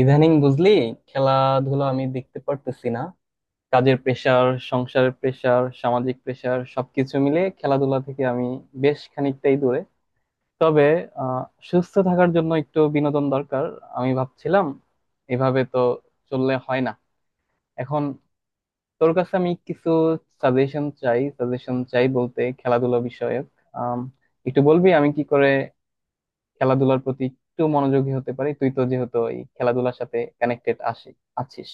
ইদানিং বুঝলি, খেলাধুলা আমি দেখতে পারতেছি না। কাজের প্রেসার, সংসারের প্রেসার, সামাজিক প্রেসার সবকিছু মিলে খেলাধুলা থেকে আমি বেশ খানিকটাই দূরে। তবে আহ সুস্থ থাকার জন্য একটু বিনোদন দরকার। আমি ভাবছিলাম এভাবে তো চললে হয় না। এখন তোর কাছে আমি কিছু সাজেশন চাই। সাজেশন চাই বলতে খেলাধুলা বিষয়ক। আম, একটু বলবি আমি কি করে খেলাধুলার প্রতি একটু মনোযোগী হতে পারি? তুই তো যেহেতু এই খেলাধুলার সাথে কানেক্টেড আসি আছিস।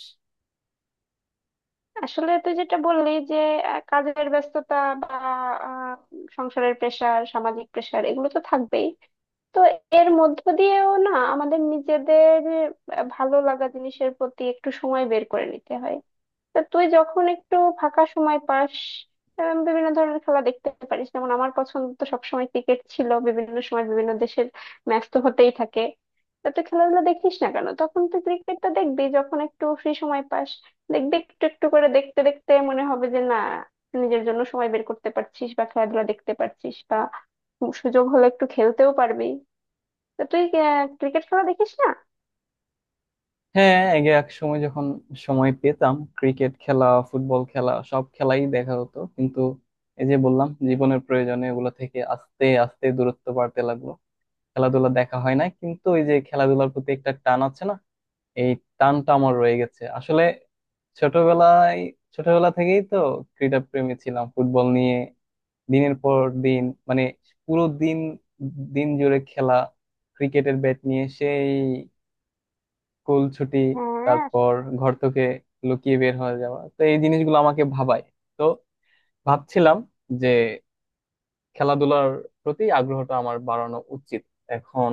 আসলে তুই যেটা বললি যে কাজের ব্যস্ততা বা আহ, সংসারের প্রেশার, সামাজিক প্রেশার এগুলো তো থাকবেই। তো এর মধ্য দিয়েও না আমাদের নিজেদের ভালো লাগা জিনিসের প্রতি একটু সময় বের করে নিতে হয়। তা তুই যখন একটু ফাঁকা সময় পাস, বিভিন্ন ধরনের খেলা দেখতে পারিস। যেমন আমার পছন্দ তো সবসময় ক্রিকেট ছিল, বিভিন্ন সময় বিভিন্ন দেশের ম্যাচ তো হতেই থাকে। তা তুই খেলাধুলা দেখিস না কেন? তখন তুই ক্রিকেটটা দেখবি, যখন একটু ফ্রি সময় পাস দেখবি, একটু একটু করে দেখতে দেখতে মনে হবে যে না, নিজের জন্য সময় বের করতে পারছিস বা খেলাধুলা দেখতে পারছিস, বা সুযোগ হলে একটু খেলতেও পারবি। তা তুই ক্রিকেট খেলা দেখিস না? হ্যাঁ, আগে এক সময় যখন সময় পেতাম, ক্রিকেট খেলা, ফুটবল খেলা সব খেলাই দেখা হতো। কিন্তু এই যে বললাম, জীবনের প্রয়োজনে এগুলো থেকে আস্তে আস্তে দূরত্ব বাড়তে লাগলো। খেলাধুলা দেখা হয় না, কিন্তু ওই যে খেলাধুলার প্রতি একটা টান আছে না, এই টানটা আমার রয়ে গেছে আসলে। ছোটবেলায়, ছোটবেলা থেকেই তো ক্রীড়া প্রেমী ছিলাম। ফুটবল নিয়ে দিনের পর দিন, মানে পুরো দিন দিন জুড়ে খেলা, ক্রিকেটের ব্যাট নিয়ে সেই স্কুল ছুটি, হ্যাঁ, তারপর ঘর থেকে লুকিয়ে বের হয়ে যাওয়া — তো এই জিনিসগুলো আমাকে ভাবায়। তো ভাবছিলাম যে খেলাধুলার প্রতি আগ্রহটা আমার বাড়ানো উচিত। এখন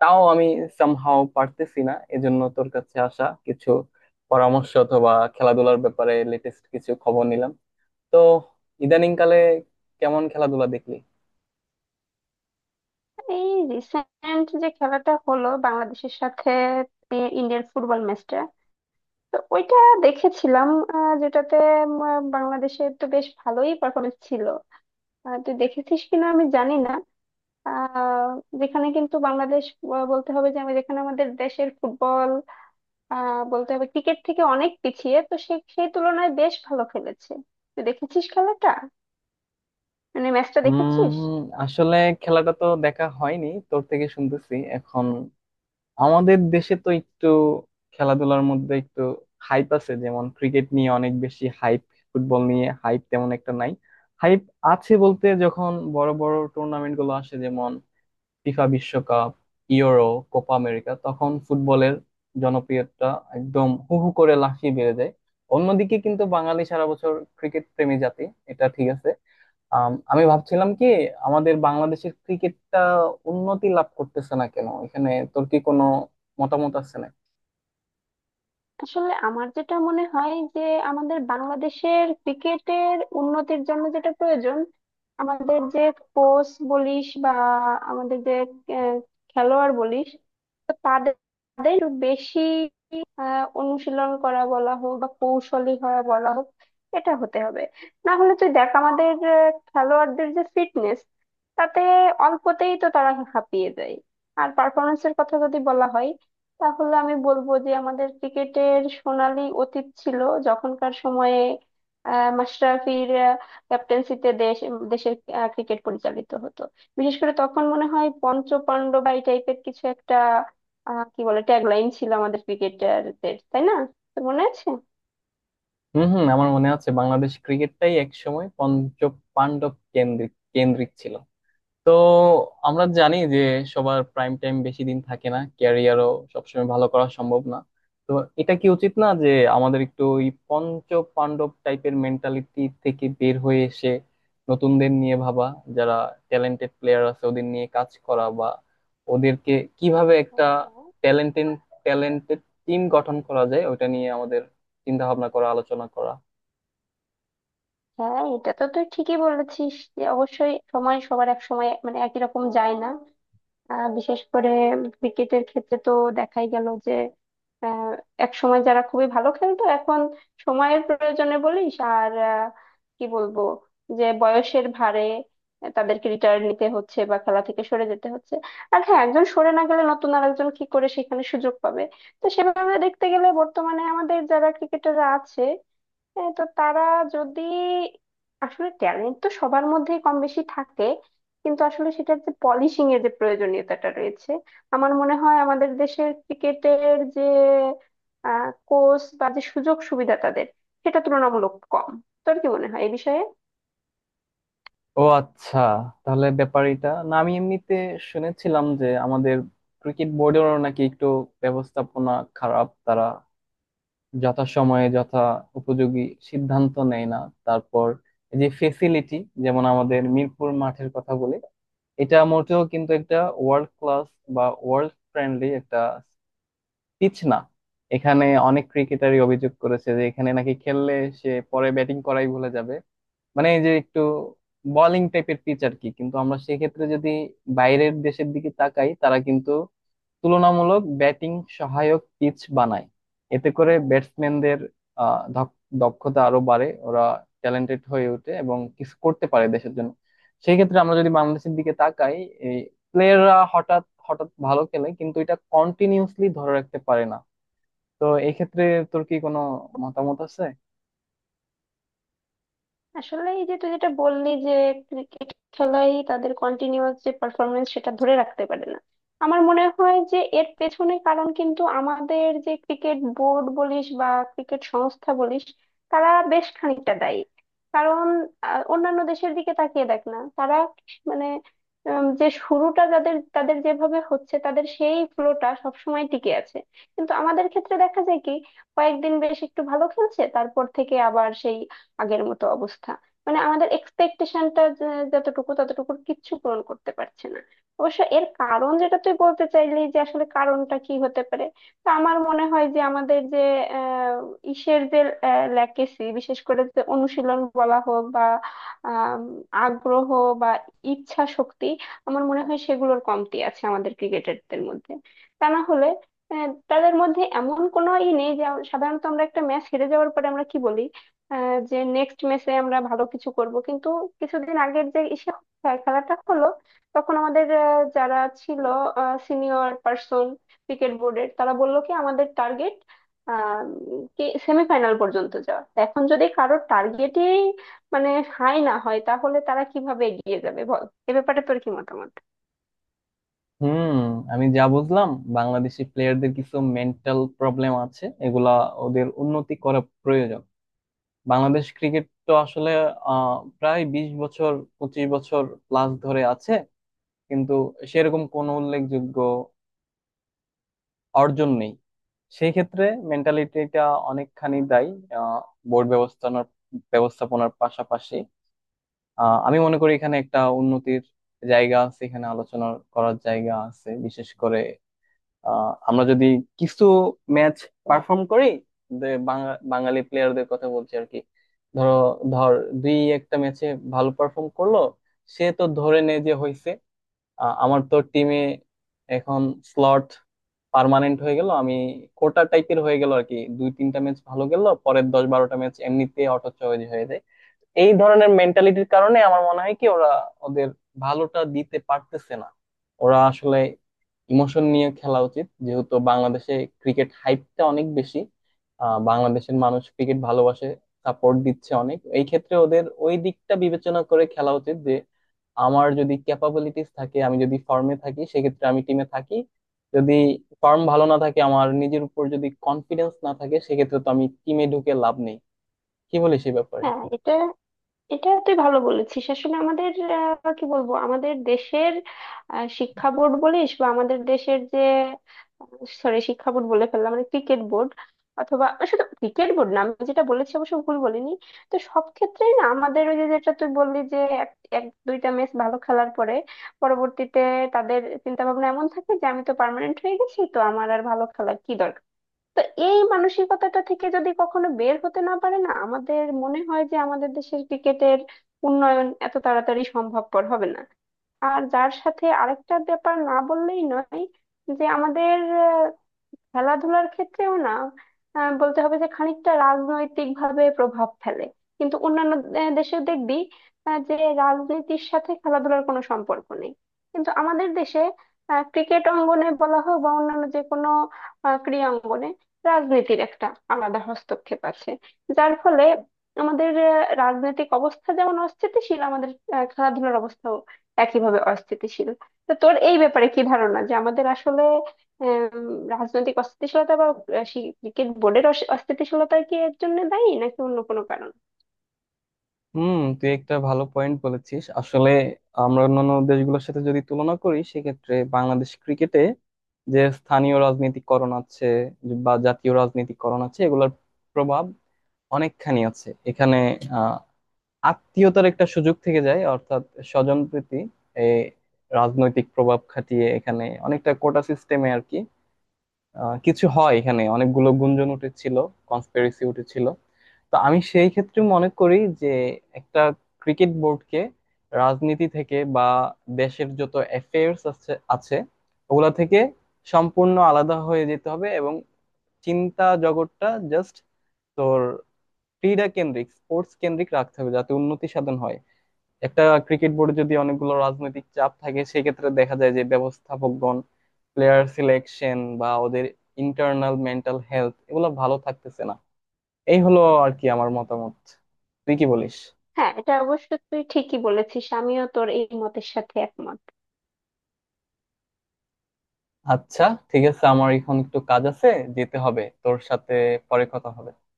তাও আমি সামহাও পারতেছি না, এজন্য তোর কাছে আসা। কিছু পরামর্শ অথবা খেলাধুলার ব্যাপারে লেটেস্ট কিছু খবর নিলাম। তো ইদানিং কালে কেমন খেলাধুলা দেখলি? এই রিসেন্ট যে খেলাটা হলো বাংলাদেশের সাথে ইন্ডিয়ার ফুটবল ম্যাচটা, তো ওইটা দেখেছিলাম, যেটাতে বাংলাদেশের তো বেশ ভালোই পারফরমেন্স ছিল। তুই দেখেছিস কিনা আমি জানি না। আহ, যেখানে কিন্তু বাংলাদেশ, বলতে হবে যে, আমি যেখানে আমাদের দেশের ফুটবল বলতে হবে ক্রিকেট থেকে অনেক পিছিয়ে, তো সেই তুলনায় বেশ ভালো খেলেছে। তুই দেখেছিস খেলাটা, মানে ম্যাচটা দেখেছিস? উম আসলে খেলাটা তো দেখা হয়নি, তোর থেকে শুনতেছি এখন। আমাদের দেশে তো একটু খেলাধুলার মধ্যে একটু হাইপ আছে, যেমন ক্রিকেট নিয়ে অনেক বেশি হাইপ, ফুটবল নিয়ে হাইপ তেমন একটা নাই। হাইপ আছে বলতে, যখন বড় বড় টুর্নামেন্ট গুলো আসে যেমন ফিফা বিশ্বকাপ, ইউরো, কোপা আমেরিকা, তখন ফুটবলের জনপ্রিয়তা একদম হু হু করে লাফিয়ে বেড়ে যায়। অন্যদিকে কিন্তু বাঙালি সারা বছর ক্রিকেট প্রেমী জাতি, এটা ঠিক আছে। আমি ভাবছিলাম কি, আমাদের বাংলাদেশের ক্রিকেটটা উন্নতি লাভ করতেছে না কেন? এখানে তোর কি কোনো মতামত আছে না? আসলে আমার যেটা মনে হয় যে, আমাদের বাংলাদেশের ক্রিকেটের উন্নতির জন্য যেটা প্রয়োজন, আমাদের যে কোচ বলিস বা আমাদের যে আহ, খেলোয়াড় বলিস, তো তাদের তাদের একটু বেশি অনুশীলন করা বলা হোক বা কৌশলী হওয়া বলা হোক, এটা হতে হবে। না হলে তুই দেখ, আমাদের খেলোয়াড়দের যে ফিটনেস, তাতে অল্পতেই তো তারা হাঁপিয়ে যায়। আর পারফরমেন্সের কথা যদি বলা হয়, তাহলে আমি বলবো যে আমাদের ক্রিকেটের সোনালী অতীত ছিল, যখনকার সময়ে মাশরাফির ক্যাপ্টেন্সিতে দেশের ক্রিকেট পরিচালিত হতো। বিশেষ করে তখন মনে হয় পঞ্চ পাণ্ডব বা এই টাইপের কিছু একটা কি বলে ট্যাগলাইন ছিল আমাদের ক্রিকেটারদের, তাই না? তোর মনে আছে? হুম হুম, আমার মনে আছে বাংলাদেশ ক্রিকেটটাই একসময় পঞ্চ পাণ্ডব কেন্দ্রিক কেন্দ্রিক ছিল। তো আমরা জানি যে সবার প্রাইম টাইম বেশি দিন থাকে না, ক্যারিয়ারও সবসময় ভালো করা সম্ভব না। তো এটা কি উচিত না যে আমাদের একটু ওই পঞ্চ পাণ্ডব টাইপের মেন্টালিটি থেকে বের হয়ে এসে নতুনদের নিয়ে ভাবা? যারা ট্যালেন্টেড প্লেয়ার আছে ওদের নিয়ে কাজ করা, বা ওদেরকে কিভাবে একটা হ্যাঁ। ট্যালেন্টেড ট্যালেন্টেড টিম গঠন করা যায় ওটা নিয়ে আমাদের চিন্তা ভাবনা করা, আলোচনা করা। হ্যাঁ, এটা তো তুই ঠিকই বলেছিস যে, অবশ্যই সময় সবার এক সময় মানে একই রকম যায় না। বিশেষ করে ক্রিকেটের ক্ষেত্রে তো দেখাই গেল যে, আহ, এক সময় যারা খুবই ভালো খেলতো, এখন সময়ের প্রয়োজনে বলিস আর কি বলবো, যে বয়সের ভারে তাদেরকে রিটায়ার নিতে হচ্ছে বা খেলা থেকে সরে যেতে হচ্ছে। আর হ্যাঁ, একজন সরে না গেলে নতুন আর একজন কি করে সেখানে সুযোগ পাবে? তো সেভাবে দেখতে গেলে, বর্তমানে আমাদের যারা ক্রিকেটাররা আছে, হ্যাঁ, তো তারা যদি, আসলে ট্যালেন্ট তো সবার মধ্যেই কম বেশি থাকে, কিন্তু আসলে সেটার যে পলিশিং এর যে প্রয়োজনীয়তাটা রয়েছে, আমার মনে হয় আমাদের দেশের ক্রিকেটের যে কোচ বা যে সুযোগ সুবিধা তাদের, সেটা তুলনামূলক কম। তোর কি মনে হয় এই বিষয়ে? ও আচ্ছা, তাহলে ব্যাপারটা, না আমি এমনিতে শুনেছিলাম যে আমাদের ক্রিকেট বোর্ডেরও নাকি একটু ব্যবস্থাপনা খারাপ, তারা যথা সময়ে যথা উপযোগী সিদ্ধান্ত নেয় না। তারপর এই যে ফেসিলিটি, যেমন আমাদের মিরপুর মাঠের কথা বলি, এটা মোটেও কিন্তু একটা ওয়ার্ল্ড ক্লাস বা ওয়ার্ল্ড ফ্রেন্ডলি একটা পিচ না। এখানে অনেক ক্রিকেটারই অভিযোগ করেছে যে এখানে নাকি খেললে সে পরে ব্যাটিং করাই ভুলে যাবে। মানে এই যে একটু বোলিং টাইপের পিচ আর কি। কিন্তু আমরা সেক্ষেত্রে যদি বাইরের দেশের দিকে তাকাই, তারা কিন্তু তুলনামূলক ব্যাটিং সহায়ক পিচ বানায়। এতে করে ব্যাটসম্যানদের দক্ষতা আরো বাড়ে, ওরা ট্যালেন্টেড হয়ে ওঠে এবং কিছু করতে পারে দেশের জন্য। সেই ক্ষেত্রে আমরা যদি বাংলাদেশের দিকে তাকাই, প্লেয়াররা হঠাৎ হঠাৎ ভালো খেলে, কিন্তু এটা কন্টিনিউসলি ধরে রাখতে পারে না। তো এই ক্ষেত্রে তোর কি কোনো মতামত আছে? আসলে এই যে তুই যেটা বললি যে ক্রিকেট খেলাই তাদের কন্টিনিউয়াস যে পারফরমেন্স সেটা ধরে রাখতে পারে না, আমার মনে হয় যে এর পেছনে কারণ কিন্তু আমাদের যে ক্রিকেট বোর্ড বলিস বা ক্রিকেট সংস্থা বলিস, তারা বেশ খানিকটা দায়ী। কারণ অন্যান্য দেশের দিকে তাকিয়ে দেখ না, তারা মানে, যে শুরুটা যাদের তাদের যেভাবে হচ্ছে, তাদের সেই ফ্লোটা সবসময় টিকে আছে। কিন্তু আমাদের ক্ষেত্রে দেখা যায় কি, কয়েকদিন বেশ একটু ভালো খেলছে, তারপর থেকে আবার সেই আগের মতো অবস্থা। মানে আমাদের এক্সপেকটেশনটা যতটুকু, ততটুকুর কিচ্ছু পূরণ করতে পারছে না। অবশ্য এর কারণ যেটা তুই বলতে চাইলি, যে আসলে কারণটা কি হতে পারে, তো আমার মনে হয় যে আমাদের যে আহ ইসের যে ল্যাকেসি, বিশেষ করে যে অনুশীলন বলা হোক বা আম, আগ্রহ বা ইচ্ছা শক্তি, আমার মনে হয় সেগুলোর কমতি আছে আমাদের ক্রিকেটারদের মধ্যে। তা না হলে তাদের মধ্যে এমন কোনো ই নেই যে, সাধারণত আমরা একটা ম্যাচ হেরে যাওয়ার পরে আমরা কি বলি? যে নেক্সট ম্যাচে আমরা ভালো কিছু করব, কিন্তু কিছুদিন আগের যে খেলাটা হলো, তখন আমাদের যারা ছিল সিনিয়র পার্সন ক্রিকেট বোর্ডের, তারা বললো কি আমাদের টার্গেট কি, সেমিফাইনাল পর্যন্ত যাওয়া। এখন যদি কারোর টার্গেটই মানে হাই না হয়, তাহলে তারা কিভাবে এগিয়ে যাবে বল? এ ব্যাপারে তোর কি মতামত? হুম, আমি যা বুঝলাম, বাংলাদেশি প্লেয়ারদের কিছু মেন্টাল প্রবলেম আছে, এগুলা ওদের উন্নতি করা প্রয়োজন। বাংলাদেশ ক্রিকেট তো আসলে প্রায় 20 বছর, 25 বছর প্লাস ধরে আছে, কিন্তু সেরকম কোনো উল্লেখযোগ্য অর্জন নেই। সেই ক্ষেত্রে মেন্টালিটিটা অনেকখানি দায়ী। আহ বোর্ড ব্যবস্থাপনার ব্যবস্থাপনার পাশাপাশি আমি মনে করি এখানে একটা উন্নতির জায়গা আছে, এখানে আলোচনা করার জায়গা আছে। বিশেষ করে আমরা যদি কিছু ম্যাচ পারফর্ম করি, বাঙালি প্লেয়ারদের কথা বলছি আর কি। ধরো ধর, দুই একটা ম্যাচে ভালো পারফর্ম করলো, সে তো ধরে নে যে হয়েছে। আমার তো টিমে এখন স্লট পার্মানেন্ট হয়ে গেল, আমি কোটা টাইপের হয়ে গেল আর কি। দুই তিনটা ম্যাচ ভালো গেল, পরের দশ বারোটা ম্যাচ এমনিতে অটো চয়েজ হয়ে যায়। এই ধরনের মেন্টালিটির কারণে আমার মনে হয় কি, ওরা ওদের ভালোটা দিতে পারতেছে না। ওরা আসলে ইমোশন নিয়ে খেলা উচিত, যেহেতু বাংলাদেশে ক্রিকেট হাইপটা অনেক বেশি। বাংলাদেশের মানুষ ক্রিকেট ভালোবাসে, সাপোর্ট দিচ্ছে অনেক। এই ক্ষেত্রে ওদের ওই দিকটা বিবেচনা করে খেলা উচিত যে আমার যদি ক্যাপাবিলিটিস থাকে, আমি যদি ফর্মে থাকি, সেক্ষেত্রে আমি টিমে থাকি। যদি ফর্ম ভালো না থাকে, আমার নিজের উপর যদি কনফিডেন্স না থাকে, সেক্ষেত্রে তো আমি টিমে ঢুকে লাভ নেই। কি বলিস এই ব্যাপারে? হ্যাঁ, এটা এটা তুই ভালো বলেছিস। আসলে আমাদের কি বলবো, আমাদের দেশের শিক্ষা বোর্ড বলিস বা আমাদের দেশের যে, সরি শিক্ষা বোর্ড বলে ফেললাম, মানে ক্রিকেট বোর্ড। অথবা শুধু ক্রিকেট বোর্ড না, আমি যেটা বলেছি অবশ্য ভুল বলিনি। তো সব ক্ষেত্রেই না আমাদের ওই যে, যেটা তুই বললি যে এক এক দুইটা ম্যাচ ভালো খেলার পরে পরবর্তীতে তাদের চিন্তা ভাবনা এমন থাকে যে, আমি তো পার্মানেন্ট হয়ে গেছি, তো আমার আর ভালো খেলার কি দরকার। তো এই মানসিকতাটা থেকে যদি কখনো বের হতে না পারে, না আমাদের মনে হয় যে আমাদের দেশের ক্রিকেটের উন্নয়ন এত তাড়াতাড়ি সম্ভবপর হবে না। আর যার সাথে আরেকটা ব্যাপার না বললেই নয়, যে আমাদের খেলাধুলার ক্ষেত্রেও না, বলতে হবে যে খানিকটা রাজনৈতিক ভাবে প্রভাব ফেলে। কিন্তু অন্যান্য দেশে দেখবি, যে রাজনীতির সাথে খেলাধুলার কোনো সম্পর্ক নেই। কিন্তু আমাদের দেশে ক্রিকেট অঙ্গনে বলা হোক বা অন্যান্য যে কোনো ক্রীড়া অঙ্গনে রাজনীতির একটা আলাদা হস্তক্ষেপ আছে। যার ফলে আমাদের রাজনৈতিক অবস্থা যেমন অস্থিতিশীল, আমাদের খেলাধুলার অবস্থাও একইভাবে অস্থিতিশীল। তো তোর এই ব্যাপারে কি ধারণা, যে আমাদের আসলে আম, রাজনৈতিক অস্থিতিশীলতা বা ক্রিকেট বোর্ডের অস্থিতিশীলতা কি এর জন্য দায়ী, নাকি অন্য কোনো কারণ? হুম, তুই একটা ভালো পয়েন্ট বলেছিস। আসলে আমরা অন্যান্য দেশগুলোর সাথে যদি তুলনা করি, সেক্ষেত্রে বাংলাদেশ ক্রিকেটে যে স্থানীয় রাজনীতিকরণ আছে বা জাতীয় রাজনীতিকরণ আছে, এগুলোর প্রভাব অনেকখানি আছে এখানে। আহ আত্মীয়তার একটা সুযোগ থেকে যায়, অর্থাৎ স্বজন প্রীতি। এই রাজনৈতিক প্রভাব খাটিয়ে এখানে অনেকটা কোটা সিস্টেমে আর কি কিছু হয়। এখানে অনেকগুলো গুঞ্জন উঠেছিল, কনস্পিরেসি উঠেছিল। তো আমি সেই ক্ষেত্রে মনে করি যে একটা ক্রিকেট বোর্ডকে রাজনীতি থেকে বা দেশের যত অ্যাফেয়ার্স আছে আছে ওগুলা থেকে সম্পূর্ণ আলাদা হয়ে যেতে হবে, এবং চিন্তা জগৎটা জাস্ট তোর ক্রীড়া কেন্দ্রিক, স্পোর্টস কেন্দ্রিক রাখতে হবে যাতে উন্নতি সাধন হয়। একটা ক্রিকেট বোর্ডে যদি অনেকগুলো রাজনৈতিক চাপ থাকে, সেক্ষেত্রে দেখা যায় যে ব্যবস্থাপকগণ প্লেয়ার সিলেকশন বা ওদের ইন্টারনাল মেন্টাল হেলথ, এগুলো ভালো থাকতেছে না। এই হলো আর কি আমার মতামত। তুই কি বলিস? হ্যাঁ, এটা অবশ্য তুই ঠিকই বলেছিস, আমিও তোর এই মতের সাথে একমত। আচ্ছা, ঠিক আছে, আমার এখন একটু কাজ আছে, যেতে হবে। তোর সাথে পরে কথা হবে।